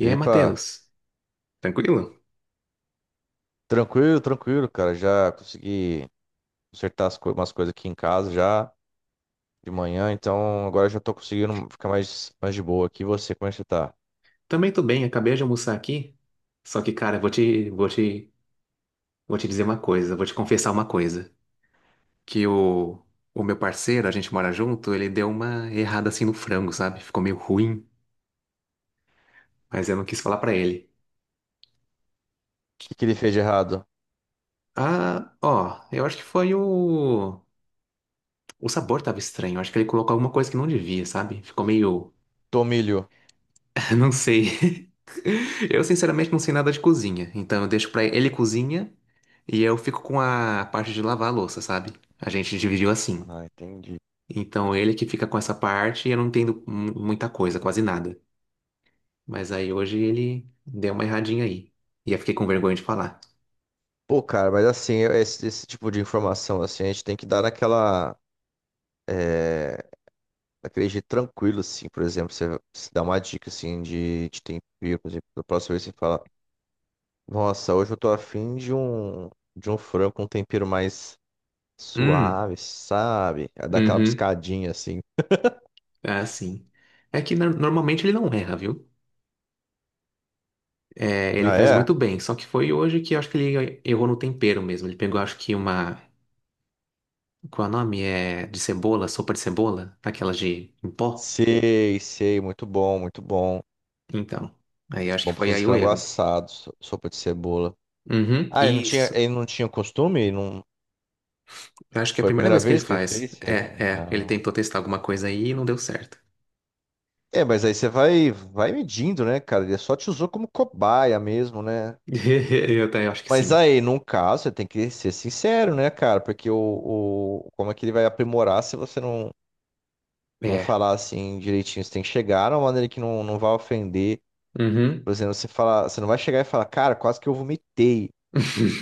E aí, Matheus? Tranquilo? tranquilo, tranquilo, cara. Já consegui consertar umas coisas aqui em casa já de manhã, então agora já tô conseguindo ficar mais de boa aqui. E você, como é que você tá? O Também tô bem, acabei de almoçar aqui. Só que, cara, vou te dizer uma coisa, vou te confessar uma coisa. Que o, o meu parceiro, a gente mora junto, ele deu uma errada assim no frango, sabe? Ficou meio ruim, mas eu não quis falar pra ele. que que ele fez de errado? Ah, ó, eu acho que foi o. O sabor tava estranho, eu acho que ele colocou alguma coisa que não devia, sabe? Ficou meio. Tomilho. Não sei. Eu, sinceramente, não sei nada de cozinha. Então, eu deixo pra ele, ele cozinha e eu fico com a parte de lavar a louça, sabe? A gente dividiu assim. Ah, entendi. Então, ele que fica com essa parte e eu não entendo muita coisa, quase nada. Mas aí, hoje, ele deu uma erradinha aí. E eu fiquei com vergonha de falar. Pô, cara, mas assim, esse tipo de informação, assim, a gente tem que dar é, naquele jeito tranquilo, assim, por exemplo, você dá uma dica, assim, de tempero, por exemplo, da próxima vez você fala, nossa, hoje eu tô afim de um frango com um tempero mais Hum, suave, sabe? É daquela uhum. piscadinha assim. Ah, sim. É que normalmente ele não erra, viu? É, ele Ah, faz muito é? bem. Só que foi hoje que eu acho que ele errou no tempero mesmo. Ele pegou, acho que uma. Qual é o nome? É de cebola, sopa de cebola? Aquelas de em pó? Sei, sei, muito bom, muito bom. Então, aí acho que Bom pra foi fazer aí o frango erro. assado, sopa de cebola. Uhum, Ah, isso. ele não tinha costume? Ele não... Eu acho que é a Foi a primeira primeira vez que ele vez que ele faz. fez? É, É. é. Ele Ah. tentou testar alguma coisa aí e não deu certo. É, mas aí você vai medindo, né, cara? Ele só te usou como cobaia mesmo, né? Eu também acho que Mas sim. aí, num caso, você tem que ser sincero, né, cara? Como é que ele vai aprimorar se você não É. falar assim direitinho? Você tem que chegar de uma maneira que não vai ofender. Uhum. Por exemplo, você fala, você não vai chegar e falar, cara, quase que eu vomitei,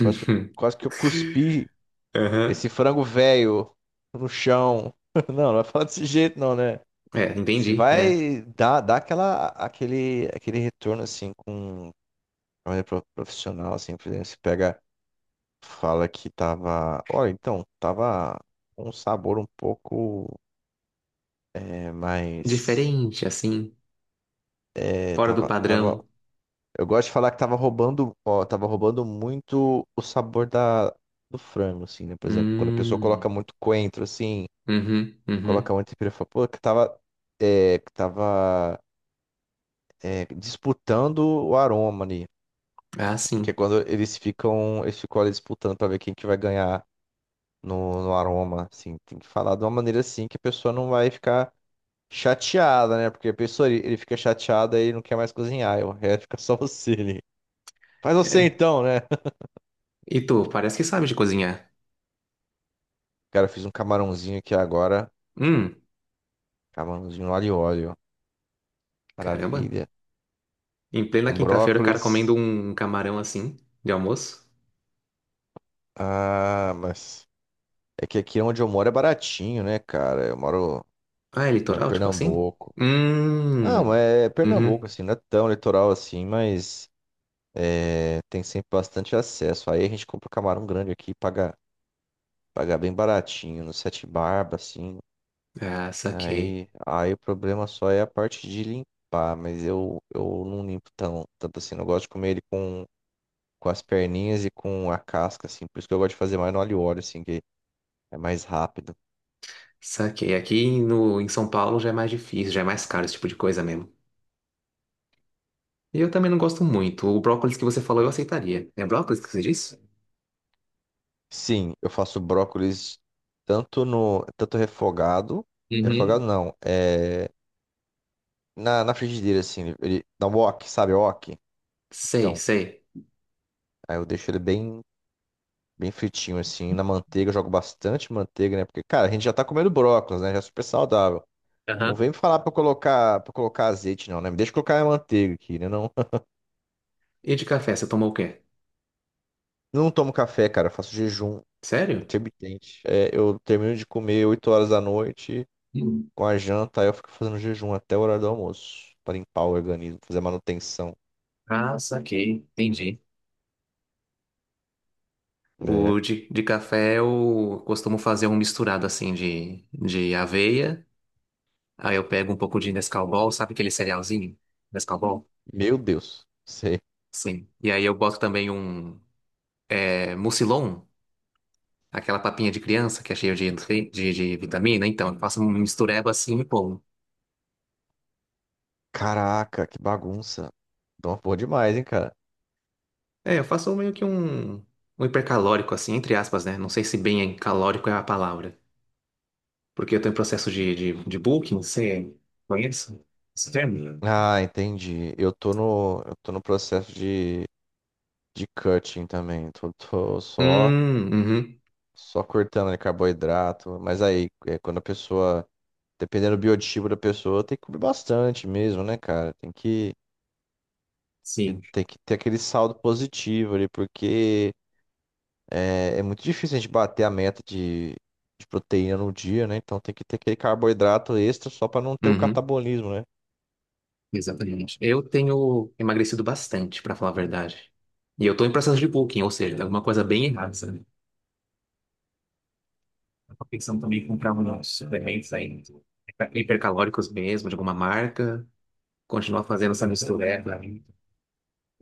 quase que, quase que eu cuspi Aham. esse frango velho no chão. Não, não vai falar desse jeito não, né? É, Você entendi. É. vai dar aquela, aquele retorno assim com de maneira profissional, assim, por exemplo, você pega, fala que tava, olha, então, tava com um sabor um pouco é, mais, Diferente, assim. é, Fora do tava. padrão. Eu gosto de falar que tava roubando, ó, tava roubando muito o sabor do frango, assim, né? Por exemplo, quando a pessoa Hum. coloca muito coentro, assim, Uhum, coloca uhum. muito pimenta, eu pô, que tava é, disputando o aroma ali. Ah, Que é sim. quando eles ficam ali disputando pra ver quem que vai ganhar no aroma, assim. Tem que falar de uma maneira assim que a pessoa não vai ficar chateada, né? Porque a pessoa, ele fica chateada e não quer mais cozinhar, e o resto fica só você ali. Faz você É. então, né? E tu, parece que sabe de cozinhar. Cara, eu fiz um camarãozinho aqui agora. Hum, Camarãozinho alho e óleo. caramba. Maravilha. Em plena Com quinta-feira, o cara brócolis. comendo um camarão assim, de almoço. Ah, mas é que aqui onde eu moro é baratinho, né, cara? Ah, é Moro em litoral, tipo assim? Pernambuco. Ah, Hum. mas é Pernambuco, Uhum. assim, não é tão litoral assim, mas é, tem sempre bastante acesso. Aí a gente compra camarão grande aqui e paga bem baratinho, no Sete Barba, assim. Ah, saquei. Aí o problema só é a parte de limpar, mas eu não limpo tão, tanto assim. Eu gosto de comer ele com as perninhas e com a casca, assim. Por isso que eu gosto de fazer mais no alho e óleo, assim, que é mais rápido. Saquei. Aqui no, em São Paulo já é mais difícil, já é mais caro esse tipo de coisa mesmo. E eu também não gosto muito. O brócolis que você falou eu aceitaria. É brócolis que você disse? Sim, eu faço brócolis tanto refogado, refogado Uhum. não, é na frigideira, assim, na wok, sabe, wok? Sei, Então, sei. aí eu deixo bem fritinho, assim, na manteiga, eu jogo bastante manteiga, né? Porque, cara, a gente já tá comendo brócolis, né? Já é super saudável. Não Aham. vem me falar pra eu colocar azeite, não, né? Me deixa eu colocar a manteiga aqui, né? Não, E de café, você tomou o quê? não tomo café, cara, eu faço jejum. Sério? Intermitente. É, eu termino de comer 8 horas da noite Hum. com a janta, aí eu fico fazendo jejum até o horário do almoço, para limpar o organismo, fazer manutenção. Ah, saquei. Entendi. O É. de café eu costumo fazer um misturado assim de aveia. Aí eu pego um pouco de Nescau Ball, sabe aquele cerealzinho? Nescau Ball? Meu Deus, sei. Sim. E aí eu boto também um Mucilon, aquela papinha de criança que é cheia de, de vitamina. Então, eu faço um mistureba assim e pulo. Caraca, que bagunça. Dá uma porra demais, hein, cara. É, eu faço meio que um hipercalórico, assim, entre aspas, né? Não sei se bem é calórico é a palavra. Porque eu tenho processo de bulking, você conhece esse termo? Ah, entendi. Eu tô no processo de cutting também. Hum, uhum. Só cortando ali carboidrato. Mas aí, é, quando a pessoa, dependendo do biotipo da pessoa, tem que comer bastante mesmo, né, cara? Tem que Sim. tem que ter aquele saldo positivo ali, porque é muito difícil a gente bater a meta de proteína no dia, né? Então tem que ter aquele carboidrato extra só para não ter o Uhum. catabolismo, né? Exatamente. Eu tenho emagrecido bastante, pra falar a verdade. E eu tô em processo de bulking, ou seja, tem alguma coisa bem errada, sabe? Eu tô pensando também em comprar uns suplementos aí, hipercalóricos mesmo, de alguma marca. Continuar fazendo essa mistura.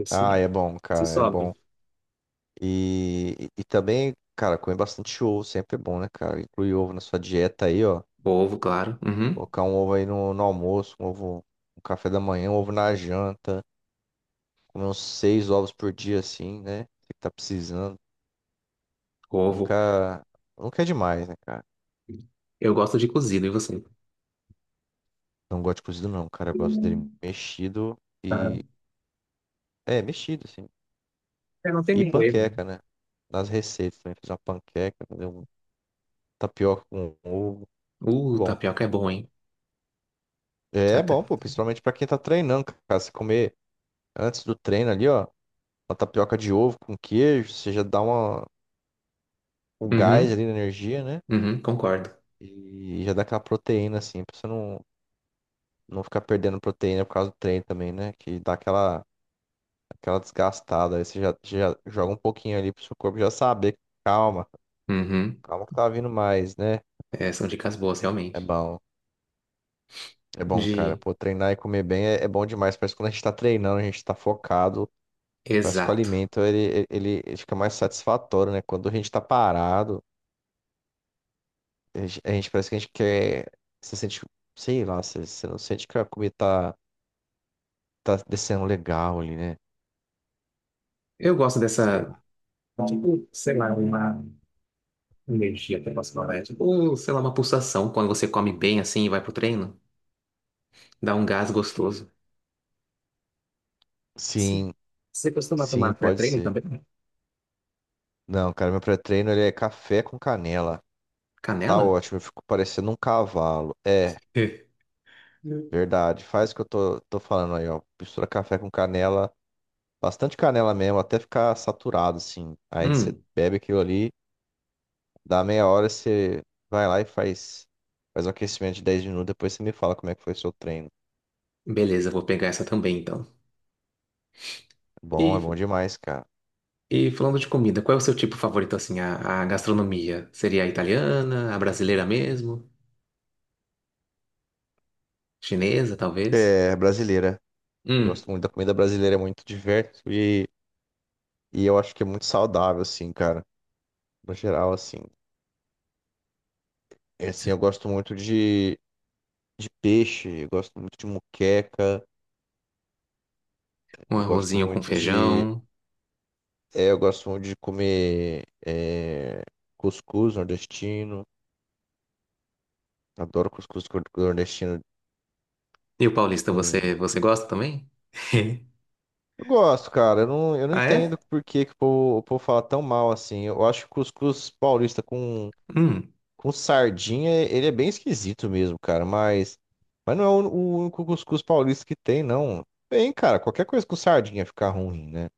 Se Ah, é bom, se cara, é sobe. bom. E também, cara, comer bastante ovo sempre é bom, né, cara? Incluir ovo na sua dieta aí, ó. Ovo, claro. Uhum. Colocar um ovo aí no, no almoço, um ovo no café da manhã, um ovo na janta. Comer uns 6 ovos por dia, assim, né? Você que tá precisando. Ovo. Nunca, nunca é demais, né, cara? Eu gosto de cozido, e você? Não gosto de cozido, não, cara. Eu gosto dele mexido. Ah, É, mexido, assim. é, não tem E micro-ondas, né? panqueca, né? Nas receitas também. Fiz uma panqueca, fazer um tapioca com ovo. Muito bom. Tapioca é bom, hein? É é Até. bom, pô. Principalmente pra quem tá treinando, cara. Se comer antes do treino ali, ó. Uma tapioca de ovo com queijo. Você já um gás Uhum. ali na energia, né? Uhum, concordo. E já dá aquela proteína, assim. Pra você não, não ficar perdendo proteína por causa do treino também, né? Que aquela desgastada. Aí você já joga um pouquinho ali pro seu corpo já saber. Calma. Uhum. Calma que tá vindo mais, né? É, são dicas boas, É realmente. bom, é bom, cara. De. Pô, treinar e comer bem é bom demais. Parece que quando a gente tá treinando, a gente tá focado. Parece que o Exato. alimento ele fica mais satisfatório, né? Quando a gente tá parado, parece que a gente quer. Você sente, sei lá, você não sente que a comida tá, tá descendo legal ali, né? Eu gosto Sei dessa. lá. Tipo, sei lá, uma energia até posso falar. É tipo, sei lá, uma pulsação quando você come bem assim e vai pro treino. Dá um gás gostoso. Sim. Sim, Você costuma tomar sim, pode pré-treino ser. também? Não, cara, meu pré-treino ele é café com canela. Tá Canela? ótimo, eu fico parecendo um cavalo. É. É. Verdade. Faz o que tô falando aí, ó. Mistura café com canela, bastante canela mesmo, até ficar saturado, assim. Aí você Hum, bebe aquilo ali, dá meia hora, você vai lá e faz, faz um aquecimento de 10 minutos, depois você me fala como é que foi o seu treino. beleza, vou pegar essa também então. Bom, é E, bom demais, cara. e falando de comida, qual é o seu tipo favorito assim? A gastronomia? Seria a italiana, a brasileira mesmo? Chinesa, talvez? É, brasileira. Eu Hum, gosto muito da comida brasileira, é muito diverso e eu acho que é muito saudável, assim, cara. No geral, assim. É assim, eu gosto muito de peixe, eu gosto muito de muqueca, um eu gosto arrozinho com muito de. feijão. É, eu gosto muito de comer é, cuscuz nordestino. Adoro cuscuz nordestino. E o paulista, Com- você gosta também? Eu gosto, cara. Eu não Ah, entendo é? por que, que o povo fala tão mal assim. Eu acho que cuscuz paulista Hum. com sardinha, ele é bem esquisito mesmo, cara. Mas não é o único cuscuz paulista que tem, não. Bem, cara, qualquer coisa com sardinha fica ruim, né?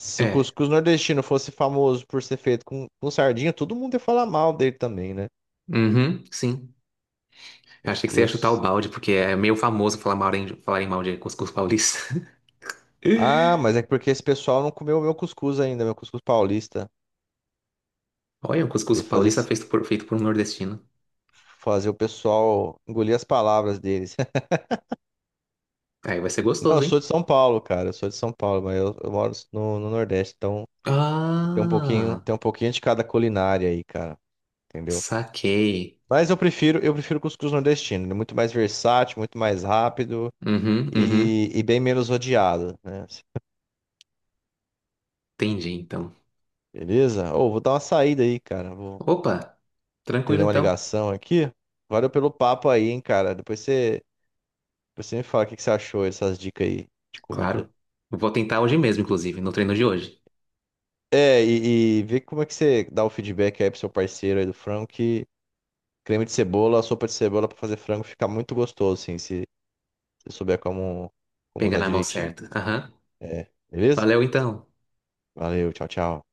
Se o É. cuscuz nordestino fosse famoso por ser feito com sardinha, todo mundo ia falar mal dele também, né? Uhum, sim. Eu achei que você ia chutar o Cuscuz. balde, porque é meio famoso falar mal em, falar em mal de cuscuz paulista. Ah, mas é porque esse pessoal não comeu o meu cuscuz ainda, meu cuscuz paulista. Olha, um cuscuz De fazer, paulista esse- feito por um nordestino. Fazer o pessoal engolir as palavras deles. Aí vai ser Não, eu gostoso, sou hein? de São Paulo, cara. Eu sou de São Paulo, mas eu moro no Nordeste, então Ah, tem um pouquinho de cada culinária aí, cara. Entendeu? saquei. Mas eu prefiro cuscuz nordestino. Ele é muito mais versátil, muito mais rápido Uhum, uhum. E bem menos odiado, né? Entendi, então. Beleza? Ou vou dar uma saída aí, cara. Vou Opa, tranquilo, atender uma então. ligação aqui. Valeu pelo papo aí, hein, cara. Depois você Você me fala o que que você achou dessas dicas aí de Claro. comida. Vou tentar hoje mesmo, inclusive, no treino de hoje. E vê como é que você dá o feedback aí pro seu parceiro aí do frango, que creme de cebola, sopa de cebola pra fazer frango fica muito gostoso, assim, se você souber como Pegar usar na mão direitinho. certa. Aham. É, beleza? Valeu, então. Valeu, tchau, tchau.